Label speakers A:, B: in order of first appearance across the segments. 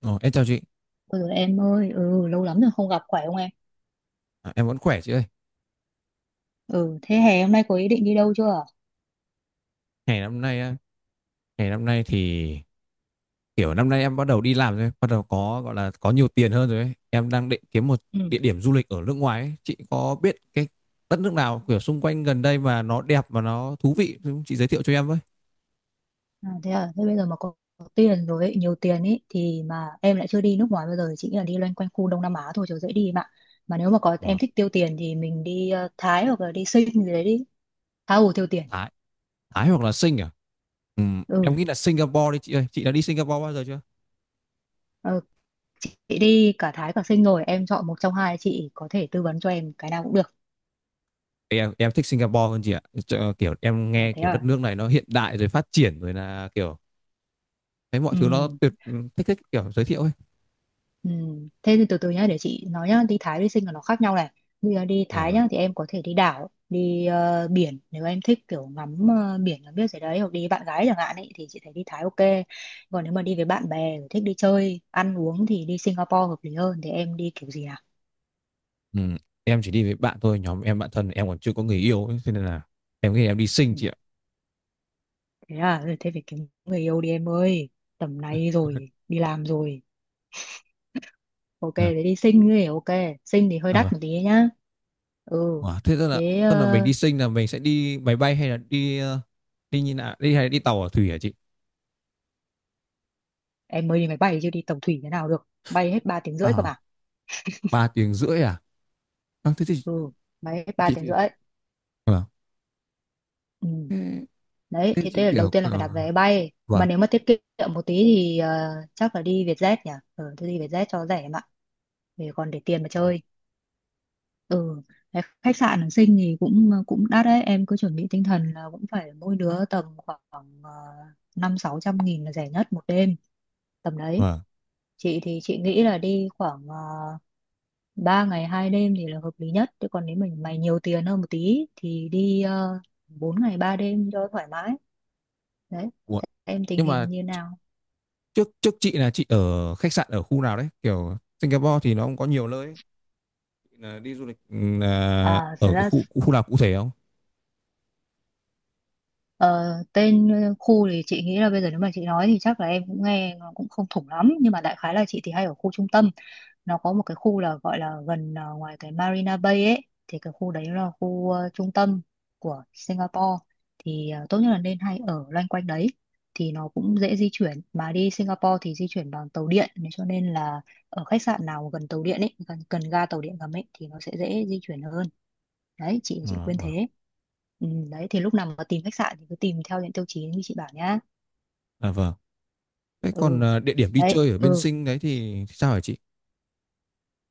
A: Ồ, em chào chị,
B: Ừ em ơi, lâu lắm rồi không gặp, khỏe không em?
A: em vẫn khỏe chị ơi.
B: Ừ, thế hè hôm nay có ý định đi đâu chưa?
A: Ngày năm nay á, ngày năm nay thì kiểu năm nay em bắt đầu đi làm rồi, bắt đầu có gọi là có nhiều tiền hơn rồi ấy. Em đang định kiếm một địa
B: Ừ.
A: điểm du lịch ở nước ngoài ấy. Chị có biết cái đất nước nào kiểu xung quanh gần đây mà nó đẹp và nó thú vị không? Chị giới thiệu cho em với.
B: À, thế bây giờ mà có tiền rồi ấy, nhiều tiền ấy thì mà em lại chưa đi nước ngoài bao giờ, chỉ nghĩ là đi loanh quanh khu Đông Nam Á thôi cho dễ đi em ạ. Mà nếu mà có
A: Ờ,
B: em thích tiêu tiền thì mình đi Thái hoặc là đi Sing gì đấy đi. Tha hồ tiêu tiền.
A: Thái, Thái hoặc là Sing à? Ừ, em
B: Ừ.
A: nghĩ là Singapore đi chị ơi. Chị đã đi Singapore bao giờ chưa?
B: Ờ, chị đi cả Thái cả Sing rồi, em chọn một trong hai chị có thể tư vấn cho em cái nào cũng được.
A: Em thích Singapore hơn chị ạ. Kiểu em
B: À
A: nghe
B: thế
A: kiểu đất
B: à.
A: nước này nó hiện đại rồi phát triển rồi là kiểu thấy mọi
B: Ừ.
A: thứ nó tuyệt, thích thích kiểu giới thiệu ấy.
B: Ừ. Thế thì từ từ nhá, để chị nói nhá. Đi Thái đi Sinh là nó khác nhau này. Bây giờ đi
A: À,
B: Thái
A: vâng.
B: nhá thì em có thể đi đảo, đi biển, nếu em thích kiểu ngắm biển là biết rồi đấy, hoặc đi với bạn gái chẳng hạn ấy thì chị thấy đi Thái ok. Còn nếu mà đi với bạn bè thích đi chơi ăn uống thì đi Singapore hợp lý hơn. Thì em đi kiểu gì nào?
A: Ừ, em chỉ đi với bạn thôi, nhóm em bạn thân em còn chưa có người yêu ấy, cho nên là em nghĩ em đi
B: Ừ.
A: Sinh chị ạ.
B: Thế à. Ừ, thế phải kiếm người yêu đi em ơi, tầm này rồi đi làm rồi. Ok,
A: Dạ.
B: thế đi Sinh thì ok. Sinh thì hơi
A: À, vâng.
B: đắt một tí nhá. Ừ.
A: Wow, thế tức là
B: Thế
A: tức là mình đi Sinh là mình sẽ đi máy bay hay là đi như nào, đi hay là đi tàu ở thủy hả chị?
B: em mới đi máy bay chứ đi tàu thủy thế nào được, bay hết 3 tiếng rưỡi cơ mà.
A: À, 3 tiếng rưỡi à, à thế thì
B: Ừ, bay hết ba
A: chị
B: tiếng
A: thì.
B: rưỡi
A: Vâng.
B: Ừ.
A: Thế,
B: Đấy,
A: thế
B: thế thế
A: chị
B: là đầu
A: kiểu
B: tiên là phải đặt vé bay,
A: vâng,
B: mà nếu mà tiết kiệm một tí thì chắc là đi Vietjet nhỉ. Ừ, tôi đi Vietjet cho rẻ em ạ, để còn để tiền mà
A: vâng.
B: chơi. Ừ. Cái khách sạn ở Sinh thì cũng cũng đắt đấy, em cứ chuẩn bị tinh thần là cũng phải mỗi đứa tầm khoảng ờ, 500-600 nghìn là rẻ nhất một đêm, tầm đấy.
A: Vâng.
B: Chị thì chị nghĩ là đi khoảng 3 ngày 2 đêm thì là hợp lý nhất, chứ còn nếu mình mày nhiều tiền hơn một tí thì đi 4 ngày 3 đêm cho thoải mái. Đấy,
A: Ủa.
B: em tình
A: Nhưng mà
B: hình như nào?
A: trước trước chị là chị ở khách sạn ở khu nào đấy? Kiểu Singapore thì nó cũng có nhiều nơi ấy. Chị là đi du lịch, là
B: À, thật
A: ở cái
B: ra
A: khu khu nào cụ thể không?
B: khu thì chị nghĩ là bây giờ nếu mà chị nói thì chắc là em cũng nghe nó cũng không thủng lắm, nhưng mà đại khái là chị thì hay ở khu trung tâm. Nó có một cái khu là gọi là gần ngoài cái Marina Bay ấy, thì cái khu đấy là khu trung tâm của Singapore. Thì tốt nhất là nên hay ở loanh quanh đấy, thì nó cũng dễ di chuyển. Mà đi Singapore thì di chuyển bằng tàu điện nên cho nên là ở khách sạn nào gần tàu điện ấy, gần ga tàu điện ngầm ấy, thì nó sẽ dễ di chuyển hơn. Đấy, chị
A: À,
B: khuyên
A: vâng.
B: thế. Ừ, đấy thì lúc nào mà tìm khách sạn thì cứ tìm theo những tiêu chí như chị bảo nhá.
A: À, vâng. Thế còn
B: Ừ.
A: địa điểm đi
B: Đấy.
A: chơi ở bên
B: Ừ.
A: Sinh đấy thì sao hả chị?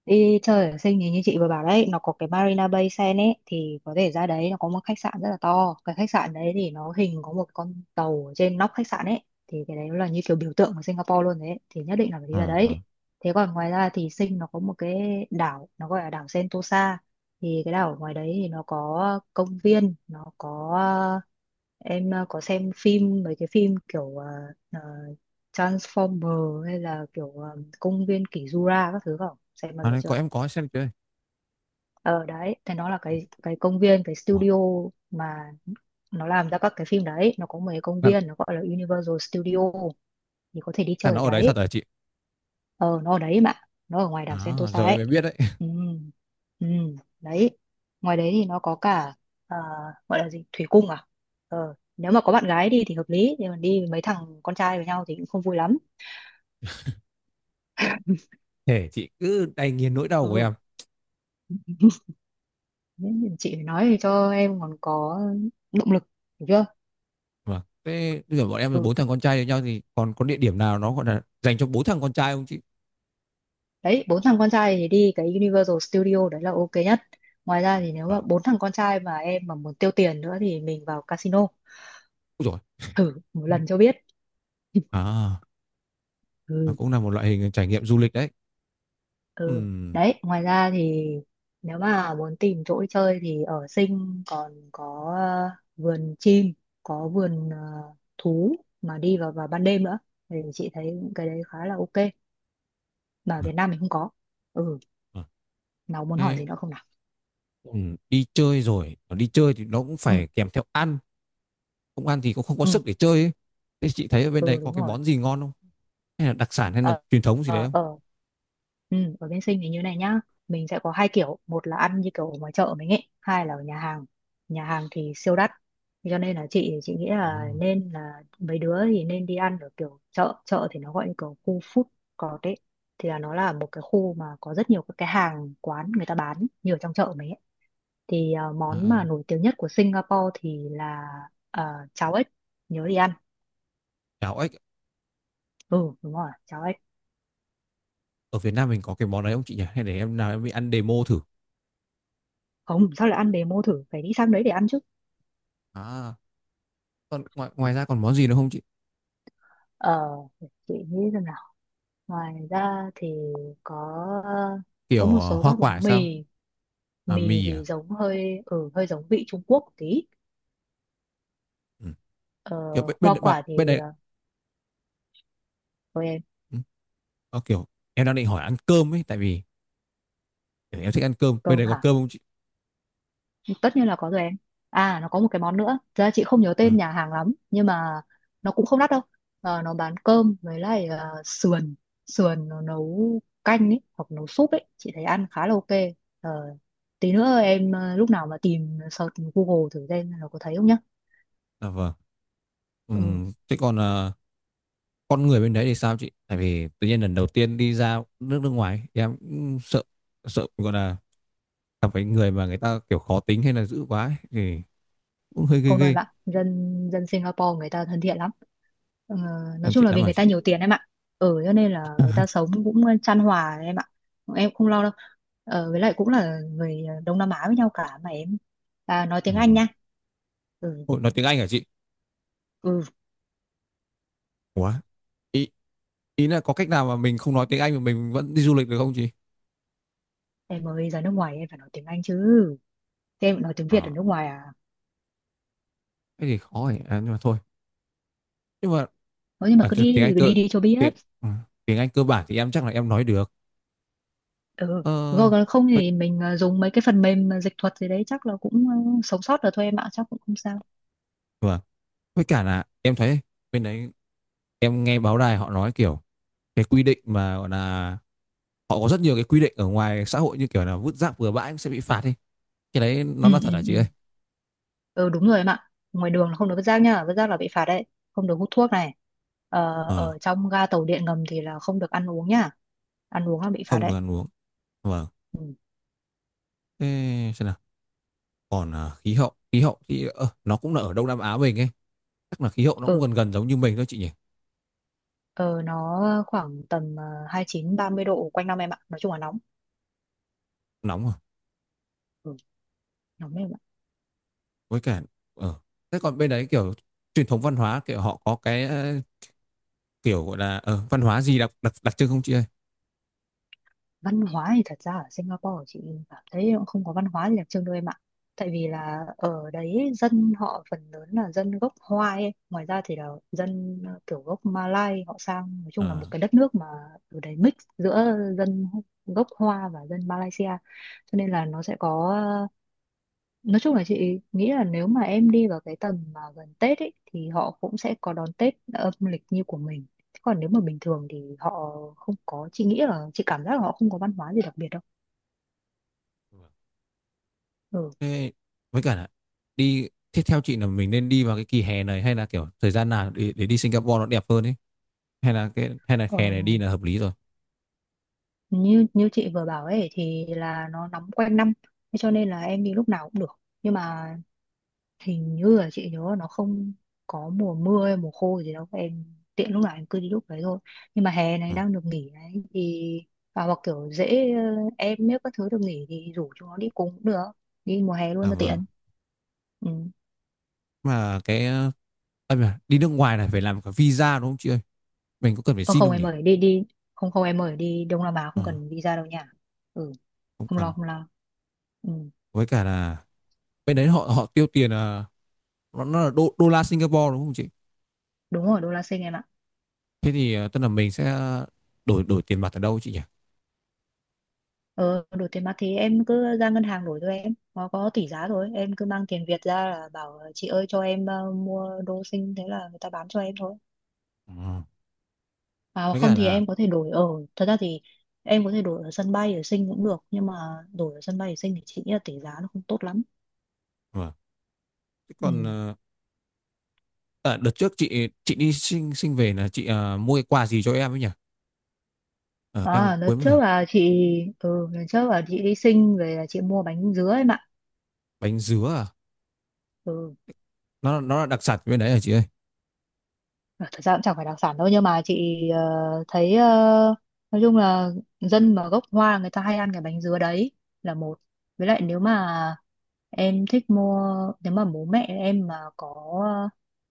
B: Đi chơi ở Sing thì như chị vừa bảo đấy, nó có cái Marina Bay Sands ấy, thì có thể ra đấy. Nó có một khách sạn rất là to, cái khách sạn đấy thì nó hình có một con tàu ở trên nóc khách sạn ấy, thì cái đấy nó là như kiểu biểu tượng của Singapore luôn đấy, thì nhất định là phải đi ra
A: À
B: đấy.
A: vâng.
B: Thế còn ngoài ra thì Sinh nó có một cái đảo, nó gọi là đảo Sentosa. Thì cái đảo ngoài đấy thì nó có công viên, nó có, em có xem phim mấy cái phim kiểu ờ, Transformer hay là kiểu công viên kỷ Jura các thứ không, xem bao
A: À
B: giờ
A: đấy,
B: chưa?
A: có em có xem chơi.
B: Ờ, đấy thì nó là cái công viên, cái
A: Ủa,
B: studio mà nó làm ra các cái phim đấy. Nó có một cái công
A: là,
B: viên nó gọi là Universal Studio, thì có thể đi
A: là
B: chơi ở
A: nó ở đấy thật
B: đấy.
A: hả chị?
B: Ờ, nó ở đấy mà, nó ở ngoài đảo
A: À,
B: Sentosa
A: giờ em
B: ấy.
A: mới biết đấy.
B: Ừ. Ừ. Đấy. Ngoài đấy thì nó có cả, à, gọi là gì, thủy cung à. Ờ, nếu mà có bạn gái đi thì hợp lý, nhưng mà đi với mấy thằng con trai với nhau thì cũng không vui lắm.
A: Thế chị cứ đay nghiến nỗi đau của
B: Ừ,
A: em.
B: nên chị phải nói cho em còn có động lực, hiểu chưa?
A: Vâng. Thế bây giờ bọn em là
B: Ừ,
A: bốn thằng con trai với nhau thì còn có địa điểm nào nó gọi là dành cho bốn thằng con trai không chị?
B: đấy, bốn thằng con trai thì đi cái Universal Studio đấy là ok nhất. Ngoài ra thì nếu mà
A: Vâng.
B: bốn thằng con trai mà em mà muốn tiêu tiền nữa thì mình vào casino
A: Ôi dồi.
B: thử một lần cho biết.
A: À, nó
B: Ừ.
A: cũng là một loại hình trải nghiệm du lịch đấy.
B: Ừ,
A: Ừm.
B: đấy, ngoài ra thì nếu mà muốn tìm chỗ đi chơi thì ở Sing còn có vườn chim, có vườn thú mà đi vào vào ban đêm nữa, thì chị thấy cái đấy khá là ok, mà ở
A: Vâng,
B: Việt Nam mình không có. Ừ,
A: vâng.
B: nào muốn hỏi
A: Thế,
B: gì nữa không nào?
A: đi chơi rồi, đi chơi thì nó cũng
B: Ừ,
A: phải kèm theo ăn. Không ăn thì cũng không có
B: ừ,
A: sức để chơi ấy. Thế chị thấy ở bên đấy
B: ừ,
A: có
B: đúng
A: cái
B: rồi.
A: món gì ngon không? Hay là đặc sản hay là
B: Ờ,
A: truyền thống gì đấy
B: ờ,
A: không?
B: ờ, Ừ, ở bên Sinh thì như này nhá, mình sẽ có hai kiểu, một là ăn như kiểu ở ngoài chợ mình ấy, hai là ở nhà hàng. Nhà hàng thì siêu đắt. Thế cho nên là chị nghĩ
A: Ờ,
B: là nên là mấy đứa thì nên đi ăn ở kiểu chợ chợ thì nó gọi như kiểu khu food court ấy, thì là nó là một cái khu mà có rất nhiều các cái hàng quán người ta bán như ở trong chợ mình ấy. Thì món
A: à,
B: mà nổi tiếng nhất của Singapore thì là ờ, cháo ếch, nhớ đi ăn.
A: cháo ếch
B: Ừ, đúng rồi, cháo ếch.
A: ở Việt Nam mình có cái món đấy không chị nhỉ? Hay để em nào em đi ăn demo thử.
B: Không, sao lại ăn demo thử, phải đi sang đấy để ăn chứ.
A: À, còn ngoài ngoài ra còn món gì nữa không chị?
B: Ờ, chị nghĩ rằng là ngoài ra thì có có
A: Kiểu
B: một số
A: hoa
B: các
A: quả
B: món
A: sao?
B: mì.
A: À
B: Mì
A: mì à?
B: thì giống hơi giống vị Trung Quốc một tí.
A: Ừ.
B: ờ,
A: Kiểu
B: hoa quả thì
A: bên đấy.
B: ờ, thôi em.
A: Ừ. Ờ, kiểu em đang định hỏi ăn cơm ấy, tại vì kiểu em thích ăn cơm. Bên
B: Cơm
A: đấy có
B: hả,
A: cơm không chị?
B: tất nhiên là có rồi em. À, nó có một cái món nữa, thật ra chị không nhớ tên
A: À,
B: nhà hàng lắm nhưng mà nó cũng không đắt đâu. Ờ, nó bán cơm với lại sườn. Sườn nó nấu canh ấy hoặc nấu súp ấy, chị thấy ăn khá là ok. Ờ, tí nữa em lúc nào mà tìm, search Google thử xem nó có thấy không nhá.
A: dạ vâng. Ừ.
B: Ừ.
A: Thế còn con người bên đấy thì sao chị? Tại vì tự nhiên lần đầu tiên đi ra nước nước ngoài em cũng sợ, gọi là gặp phải người mà người ta kiểu khó tính hay là dữ quá ấy, thì cũng hơi ghê
B: Không đâu em
A: ghê.
B: ạ, dân dân Singapore người ta thân thiện lắm. Ờ, nói
A: Em
B: chung
A: thiện
B: là
A: lắm
B: vì
A: hả
B: người
A: chị?
B: ta nhiều tiền em ạ, ở cho nên là người ta sống cũng chan hòa em ạ, em không lo đâu. Ờ, với lại cũng là người Đông Nam Á với nhau cả mà em. À, nói tiếng Anh
A: Ừ.
B: nha. Ừ.
A: Ôi, nói tiếng Anh hả chị?
B: Ừ,
A: Ủa? Ý, là có cách nào mà mình không nói tiếng Anh mà mình vẫn đi du lịch được không chị?
B: em mới ra nước ngoài em phải nói tiếng Anh chứ. Thế em nói tiếng Việt ở
A: À,
B: nước ngoài à?
A: thế thì khó rồi. À, nhưng mà thôi. Nhưng mà
B: Nói, nhưng mà
A: à,
B: cứ
A: thì tiếng Anh
B: đi đi
A: cơ
B: đi cho
A: tiếng
B: biết.
A: ừ, tiếng Anh cơ bản thì em chắc là em nói được.
B: Ừ,
A: Ờ
B: rồi còn không
A: vậy,
B: thì mình dùng mấy cái phần mềm dịch thuật gì đấy, chắc là cũng sống sót được thôi em ạ, chắc cũng không sao.
A: vâng. Với cả là em thấy bên đấy, em nghe báo đài họ nói kiểu cái quy định mà gọi là họ có rất nhiều cái quy định ở ngoài xã hội như kiểu là vứt rác bừa bãi cũng sẽ bị phạt đi, cái đấy nó
B: Ừ.
A: là
B: Ừ,
A: thật hả chị ơi?
B: ừ, ừ, đúng rồi em ạ. Ngoài đường là không được vứt rác nha, vứt rác là bị phạt đấy. Không được hút thuốc này. Ờ,
A: Ờ,
B: ở trong ga tàu điện ngầm thì là không được ăn uống nha, ăn uống là bị phạt
A: không
B: đấy.
A: được ăn uống. Vâng. Thế xem nào, còn khí hậu, thì nó cũng là ở Đông Nam Á mình ấy, chắc là khí hậu nó cũng
B: Ừ.
A: gần gần giống như mình thôi chị nhỉ.
B: Ờ, nó khoảng tầm 29-30 độ quanh năm em ạ, nói chung là nóng.
A: Nóng rồi.
B: Ừ, nóng.
A: Với cả, ờ thế còn bên đấy kiểu truyền thống văn hóa, kiểu họ có cái kiểu gọi là văn hóa gì đặc đặc đặc trưng không chị ơi?
B: Văn hóa thì thật ra ở Singapore chị cảm thấy cũng không có văn hóa gì đặc trưng đâu em ạ. Tại vì là ở đấy dân họ phần lớn là dân gốc Hoa ấy. Ngoài ra thì là dân kiểu gốc Malay họ sang. Nói chung là một
A: Ờ.
B: cái đất nước mà ở đấy mix giữa dân gốc Hoa và dân Malaysia, cho nên là nó sẽ có. Nói chung là chị nghĩ là nếu mà em đi vào cái tầm mà gần Tết ấy, thì họ cũng sẽ có đón Tết âm lịch như của mình. Thế còn nếu mà bình thường thì họ không có, chị nghĩ là chị cảm giác là họ không có văn hóa gì đặc biệt đâu. Ừ.
A: Thế với cả là đi tiếp theo chị, là mình nên đi vào cái kỳ hè này hay là kiểu thời gian nào để đi Singapore nó đẹp hơn ấy, hay là cái, hay là
B: Ờ,
A: hè này đi là hợp lý rồi.
B: như như chị vừa bảo ấy thì là nó nóng quanh năm, thế cho nên là em đi lúc nào cũng được. Nhưng mà hình như là chị nhớ là nó không có mùa mưa hay mùa khô gì đâu em, tiện lúc nào em cứ đi lúc đấy thôi. Nhưng mà hè
A: Ừ.
B: này đang được nghỉ đấy thì, à, hoặc kiểu dễ, em nếu các thứ được nghỉ thì rủ chúng nó đi cùng cũng được, đi mùa hè luôn
A: À,
B: cho
A: vâng.
B: tiện. Ừ.
A: Mà cái à, mà đi nước ngoài này phải làm cả visa đúng không chị ơi, mình có cần phải
B: Ờ,
A: xin
B: không
A: không
B: em
A: nhỉ?
B: ơi đi đi, không không em ơi, đi Đông Nam Á
A: Ờ,
B: không cần visa đâu nha. Ừ,
A: không
B: không lo
A: cần.
B: không lo. Ừ.
A: Với cả là bên đấy họ họ tiêu tiền là nó là đô la Singapore đúng không chị?
B: Đúng rồi, đô la Sinh em ạ.
A: Thế thì tức là mình sẽ đổi đổi tiền mặt ở đâu chị nhỉ?
B: Ờ, đổi tiền mặt thì em cứ ra ngân hàng đổi cho em, nó có tỷ giá rồi, em cứ mang tiền Việt ra là bảo chị ơi cho em mua đô Sinh, thế là người ta bán cho em thôi.
A: Ờ,
B: Mà
A: với
B: không
A: cả
B: thì
A: là
B: em có thể đổi ở, thật ra thì em có thể đổi ở sân bay ở Sinh cũng được, nhưng mà đổi ở sân bay ở Sinh thì chị nghĩ là tỷ giá nó không tốt lắm.
A: vâng. Thế
B: Ừ.
A: còn ờ, đợt trước chị đi sinh sinh về là chị mua cái quà gì cho em ấy nhỉ? Ờ, em
B: À, lần
A: quên mất rồi.
B: trước là chị, ừ lần trước là chị đi Sing về là chị mua bánh dứa em ạ.
A: Bánh dứa à?
B: Ừ.
A: Nó là đặc sản bên đấy hả chị ơi?
B: Ờ, thật ra cũng chẳng phải đặc sản đâu, nhưng mà chị thấy nói chung là dân mà gốc Hoa người ta hay ăn cái bánh dứa đấy là một. Với lại nếu mà em thích mua, nếu mà bố mẹ em mà có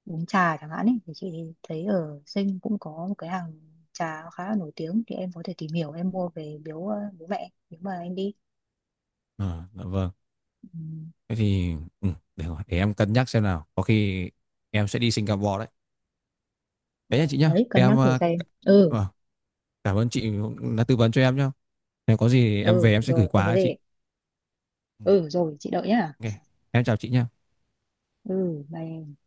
B: ờ, uống trà chẳng hạn ấy thì chị thấy ở Sinh cũng có một cái hàng trà khá là nổi tiếng, thì em có thể tìm hiểu em mua về biếu bố mẹ nếu mà em đi.
A: Ờ, dạ vâng.
B: Ừ.
A: Thế thì ừ, rồi, để em cân nhắc xem nào. Có khi em sẽ đi Singapore đấy.
B: Ừ,
A: Thế nha chị nhá.
B: đấy, cân nhắc thử xem. Ừ,
A: Ờ, cảm ơn chị đã tư vấn cho em nhá. Nếu có gì em về
B: ừ
A: em sẽ gửi
B: rồi không
A: quà
B: có
A: cho chị.
B: gì.
A: Ừ,
B: Ừ rồi chị đợi nhá.
A: ok. Em chào chị nhá.
B: Ừ bye em.